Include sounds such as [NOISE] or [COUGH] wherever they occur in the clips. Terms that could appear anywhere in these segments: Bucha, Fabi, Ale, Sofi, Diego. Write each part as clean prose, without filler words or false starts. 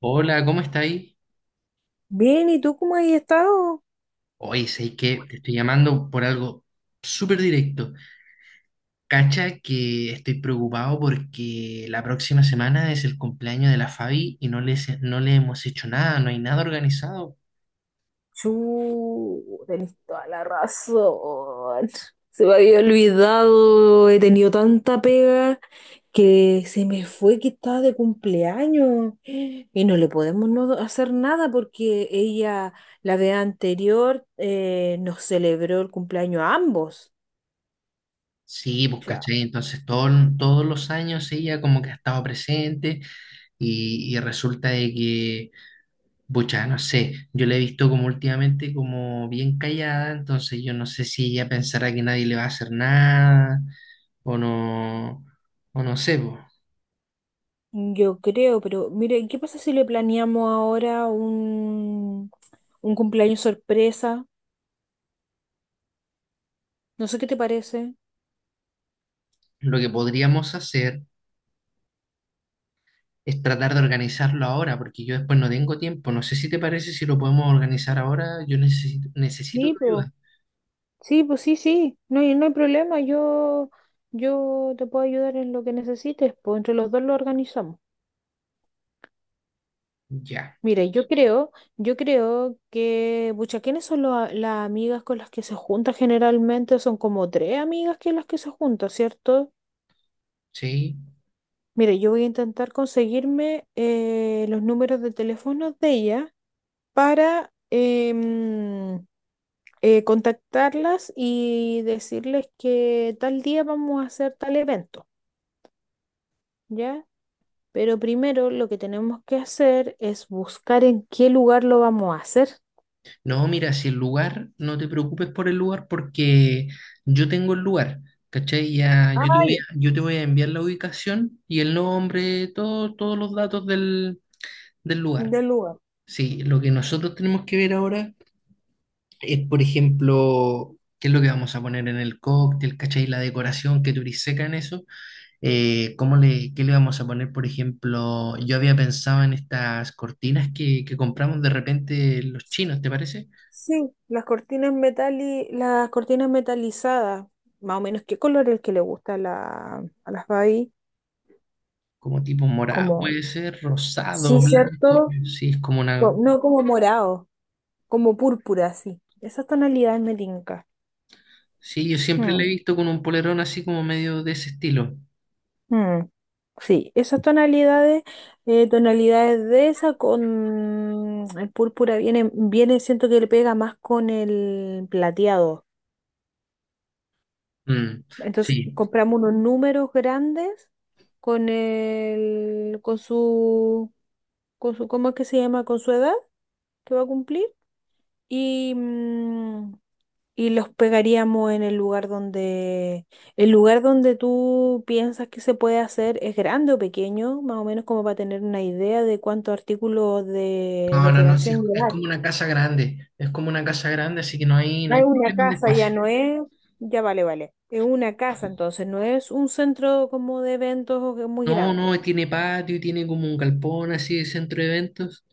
Hola, ¿cómo estáis? Bien, ¿y tú cómo has estado? hoy? Sé que te estoy llamando por algo súper directo. Cacha que estoy preocupado porque la próxima semana es el cumpleaños de la Fabi y no le hemos hecho nada, no hay nada organizado. Chu, tenés toda la razón. Se me había olvidado, he tenido tanta pega que se me fue que estaba de cumpleaños y no le podemos no hacer nada porque ella, la vez anterior, nos celebró el cumpleaños a ambos. Sí, pues Ya. cachai, entonces todos los años ella como que ha estado presente y resulta de que bucha, no sé, yo la he visto como últimamente como bien callada, entonces yo no sé si ella pensará que nadie le va a hacer nada o no, o no sé, po. Yo creo, pero mire, ¿qué pasa si le planeamos ahora un cumpleaños sorpresa? No sé qué te parece. Lo que podríamos hacer es tratar de organizarlo ahora, porque yo después no tengo tiempo. No sé si te parece si lo podemos organizar ahora, yo necesito Sí, tu pues, ayuda. sí, pues sí, sí, no hay problema, yo te puedo ayudar en lo que necesites, pues entre los dos lo organizamos. Ya, Mira, yo creo que, pucha, ¿quiénes son las amigas con las que se junta generalmente? Son como tres amigas que las que se junta, ¿cierto? sí. Mira, yo voy a intentar conseguirme los números de teléfono de ella para contactarlas y decirles que tal día vamos a hacer tal evento. ¿Ya? Pero primero lo que tenemos que hacer es buscar en qué lugar lo vamos a hacer. No, mira, si el lugar, no te preocupes por el lugar porque yo tengo el lugar, ¿cachai? Ya, yo te Ay, voy a, yo te voy a enviar la ubicación y el nombre, todos los datos del lugar. del lugar. Sí, lo que nosotros tenemos que ver ahora es, por ejemplo, qué es lo que vamos a poner en el cóctel, ¿cachai? La decoración, que tú eres seca en eso. ¿Qué le vamos a poner, por ejemplo? Yo había pensado en estas cortinas que compramos de repente los chinos, ¿te parece? Sí, las cortinas metalizadas, más o menos qué color es el que le gusta a, la, a las Babi, Como tipo morado, como, puede ser sí, rosado, blanco, cierto. sí, es como una. No como morado, como púrpura, sí. Esas tonalidades me tinca. Sí, yo siempre la he Mm. visto con un polerón así como medio de ese estilo. Mm, sí, esas tonalidades, tonalidades de esa con el púrpura viene, viene, siento que le pega más con el plateado. Mm, Entonces sí. compramos unos números grandes con con su, ¿cómo es que se llama? Con su edad que va a cumplir. Y, y los pegaríamos en el lugar donde tú piensas que se puede hacer es grande o pequeño, más o menos como para tener una idea de cuántos artículos de No, no, no, sí, es, decoración es llevar. como una casa grande, es como una casa grande, así que no hay, no Ah, hay es una problema de casa, ya espacio. no es, ya vale, vale. Es una casa, entonces no es un centro como de eventos o que muy No, no, grande. tiene patio, tiene como un galpón así de centro de eventos.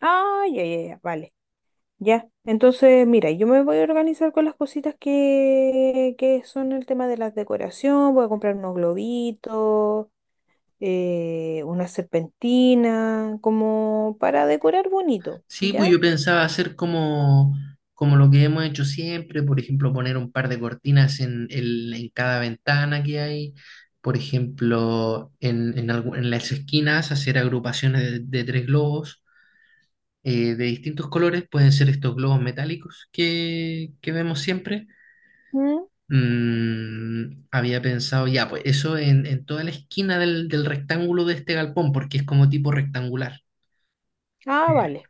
Ah, ya, ya, ya, vale. Ya, entonces mira, yo me voy a organizar con las cositas que son el tema de la decoración, voy a comprar unos globitos, una serpentina, como para decorar bonito, Sí, pues ¿ya? yo pensaba hacer como, como lo que hemos hecho siempre, por ejemplo, poner un par de cortinas en cada ventana que hay, por ejemplo, en las esquinas hacer agrupaciones de tres globos de distintos colores, pueden ser estos globos metálicos que vemos siempre. ¿Mm? Mm, había pensado ya, pues eso en toda la esquina del rectángulo de este galpón, porque es como tipo rectangular. Ah, vale.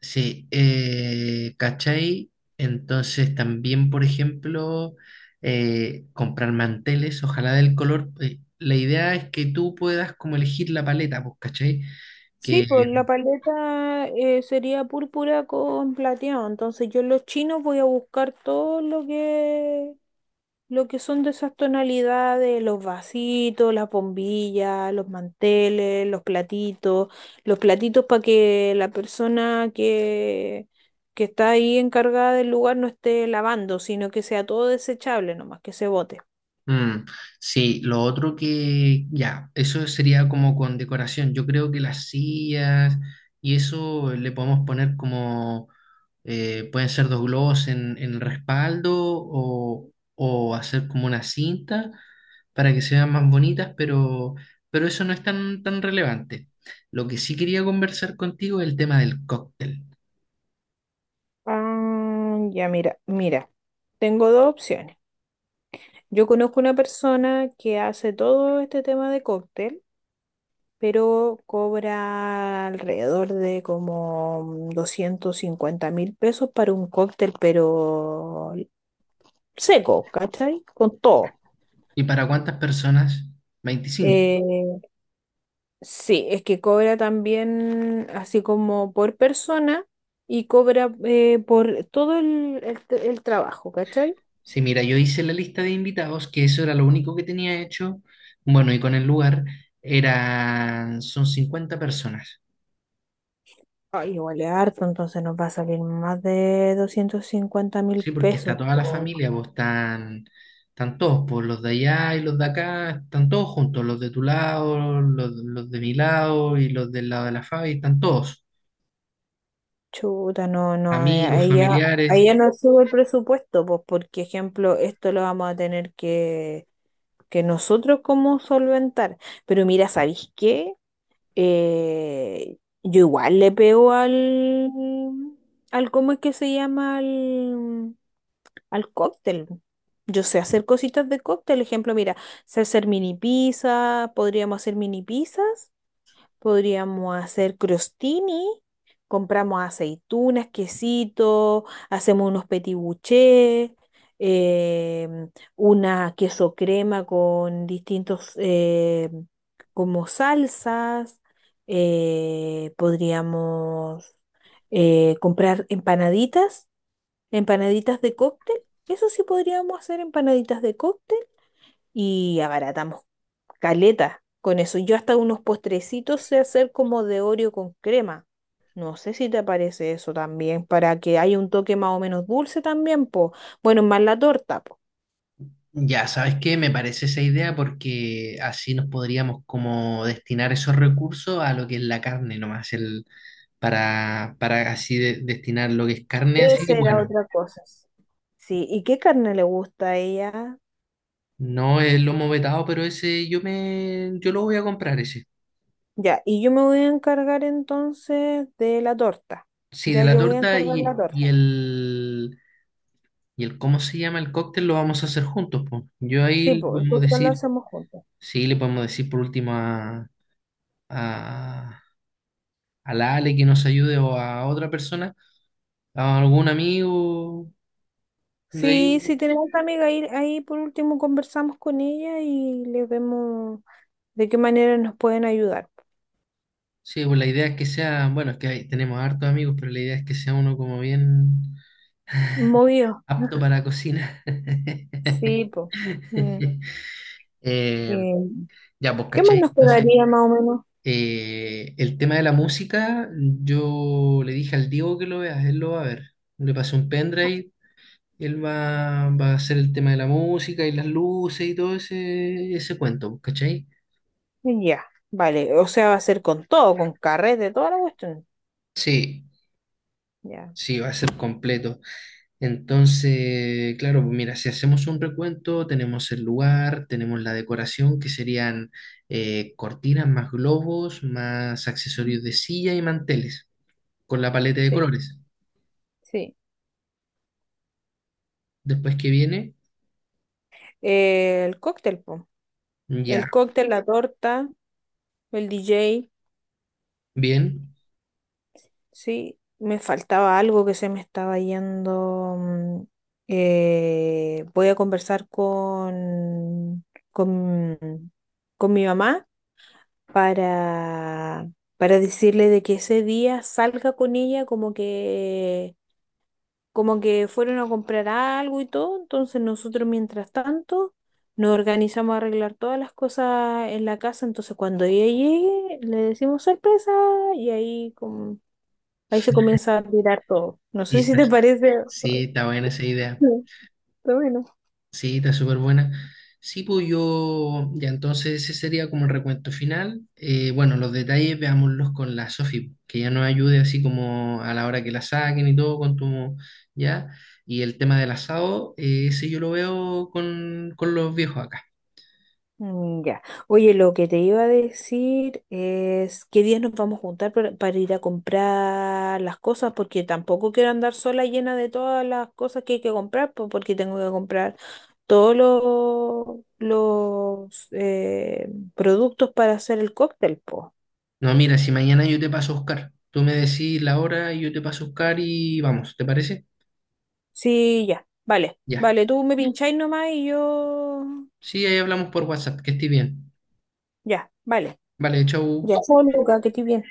Sí, ¿cachai? Entonces también, por ejemplo, comprar manteles, ojalá del color. La idea es que tú puedas como elegir la paleta, pues, ¿cachai? Sí, Que, pues la paleta sería púrpura con plateado, entonces yo en los chinos voy a buscar todo lo que lo que son de esas tonalidades, los vasitos, las bombillas, los manteles, los platitos para que la persona que está ahí encargada del lugar no esté lavando, sino que sea todo desechable nomás, que se bote. mm, sí, lo otro que, ya, eso sería como con decoración. Yo creo que las sillas y eso le podemos poner como, pueden ser dos globos en el respaldo o hacer como una cinta, para que se vean más bonitas, pero eso no es tan, tan relevante. Lo que sí quería conversar contigo es el tema del cóctel. Ah, ya mira, mira, tengo dos opciones. Yo conozco una persona que hace todo este tema de cóctel, pero cobra alrededor de como $250.000 para un cóctel, pero seco, ¿cachai? Con todo. ¿Y para cuántas personas? 25. Eh, sí, es que cobra también así como por persona y cobra por todo el trabajo, ¿cachai? Sí, mira, yo hice la lista de invitados, que eso era lo único que tenía hecho. Bueno, y con el lugar eran, son 50 personas. Ay, igual es harto, entonces nos va a salir más de doscientos cincuenta mil Sí, porque está pesos. toda la familia, vos están, todos, pues los de allá y los de acá, están todos juntos, los de tu lado, los de mi lado y los del lado de la Fabi, están todos. Chuta, no, no, Amigos, familiares. ahí ya no sube el presupuesto, pues porque ejemplo, esto lo vamos a tener que nosotros como solventar. Pero mira, ¿sabéis qué? Eh, yo igual le pego ¿cómo es que se llama? Al cóctel. Yo sé hacer cositas de cóctel, ejemplo, mira, sé hacer mini pizza, podríamos hacer mini pizzas, podríamos hacer crostini, compramos aceitunas, quesito, hacemos unos petit bouchés, em, una queso crema con distintos como salsas. Podríamos comprar empanaditas, empanaditas de cóctel. Eso sí, podríamos hacer empanaditas de cóctel y abaratamos caleta con eso. Yo hasta unos postrecitos sé hacer como de Oreo con crema. No sé si te parece eso también, para que haya un toque más o menos dulce también, po. Bueno, más la torta, po. Ya, ¿sabes qué? Me parece esa idea porque así nos podríamos como destinar esos recursos a lo que es la carne nomás, para así destinar lo que es carne, así Esa que era bueno, otra cosa. Sí, ¿y qué carne le gusta a ella? no es lomo vetado, pero ese yo lo voy a comprar ese. Ya, y yo me voy a encargar entonces de la torta. Sí, de Ya, la yo voy a torta encargar la y, y torta. el, y el, ¿cómo se llama? El cóctel lo vamos a hacer juntos, po. Yo ahí Sí, le pues, podemos entonces la decir, hacemos juntos. sí, le podemos decir por último a a la Ale que nos ayude o a otra persona, a algún amigo de Sí, ahí. si tenemos a amiga ahí, ahí por último conversamos con ella y le vemos de qué manera nos pueden ayudar. Sí, pues la idea es que sea, bueno, es que ahí tenemos hartos amigos, pero la idea es que sea uno como bien Movido. apto para cocina. Sí, [LAUGHS] pues. Eh, ¿Qué ya, pues, más ¿cachai? nos Entonces, quedaría más o menos? El tema de la música, yo le dije al Diego que lo vea, él lo va a ver. Le pasé un pendrive, él va a hacer el tema de la música y las luces y todo ese cuento, pues, ¿cachai? Ya, vale. O sea, va a ser con todo, con carrete, toda la cuestión. Sí, Ya. sí, va a ser completo. Entonces, claro, pues mira, si hacemos un recuento, tenemos el lugar, tenemos la decoración, que serían cortinas más globos, más accesorios de silla y manteles, con la paleta de Sí, colores. sí. Después que viene, El cóctel, po. ya, El cóctel, la torta, el DJ. bien. Sí, me faltaba algo que se me estaba yendo. Voy a conversar con, con mi mamá para, para decirle de que ese día salga con ella como que fueron a comprar algo y todo. Entonces nosotros mientras tanto nos organizamos a arreglar todas las cosas en la casa. Entonces cuando ella llegue le decimos sorpresa y ahí como ahí se comienza a tirar todo. No Sí, sé si está- te parece. sí, está buena esa idea. Sí, está bueno. Sí, está súper buena. Sí, pues yo, ya entonces ese sería como el recuento final. Bueno, los detalles veámoslos con la Sofi, que ya nos ayude así como a la hora que la saquen y todo, con tu, ya. Y el tema del asado, ese yo lo veo con, los viejos acá. Mm, ya. Oye, lo que te iba a decir es qué días nos vamos a juntar para ir a comprar las cosas, porque tampoco quiero andar sola llena de todas las cosas que hay que comprar, porque tengo que comprar todos los productos para hacer el cóctel, po. No, mira, si mañana yo te paso a buscar, tú me decís la hora y yo te paso a buscar y vamos, ¿te parece? Sí, ya. Vale, Ya. vale, tú me pincháis nomás y yo. Sí, ahí hablamos por WhatsApp, que estés bien. Ya, vale. Vale, chau. Ya, chao, Luca, que estoy bien.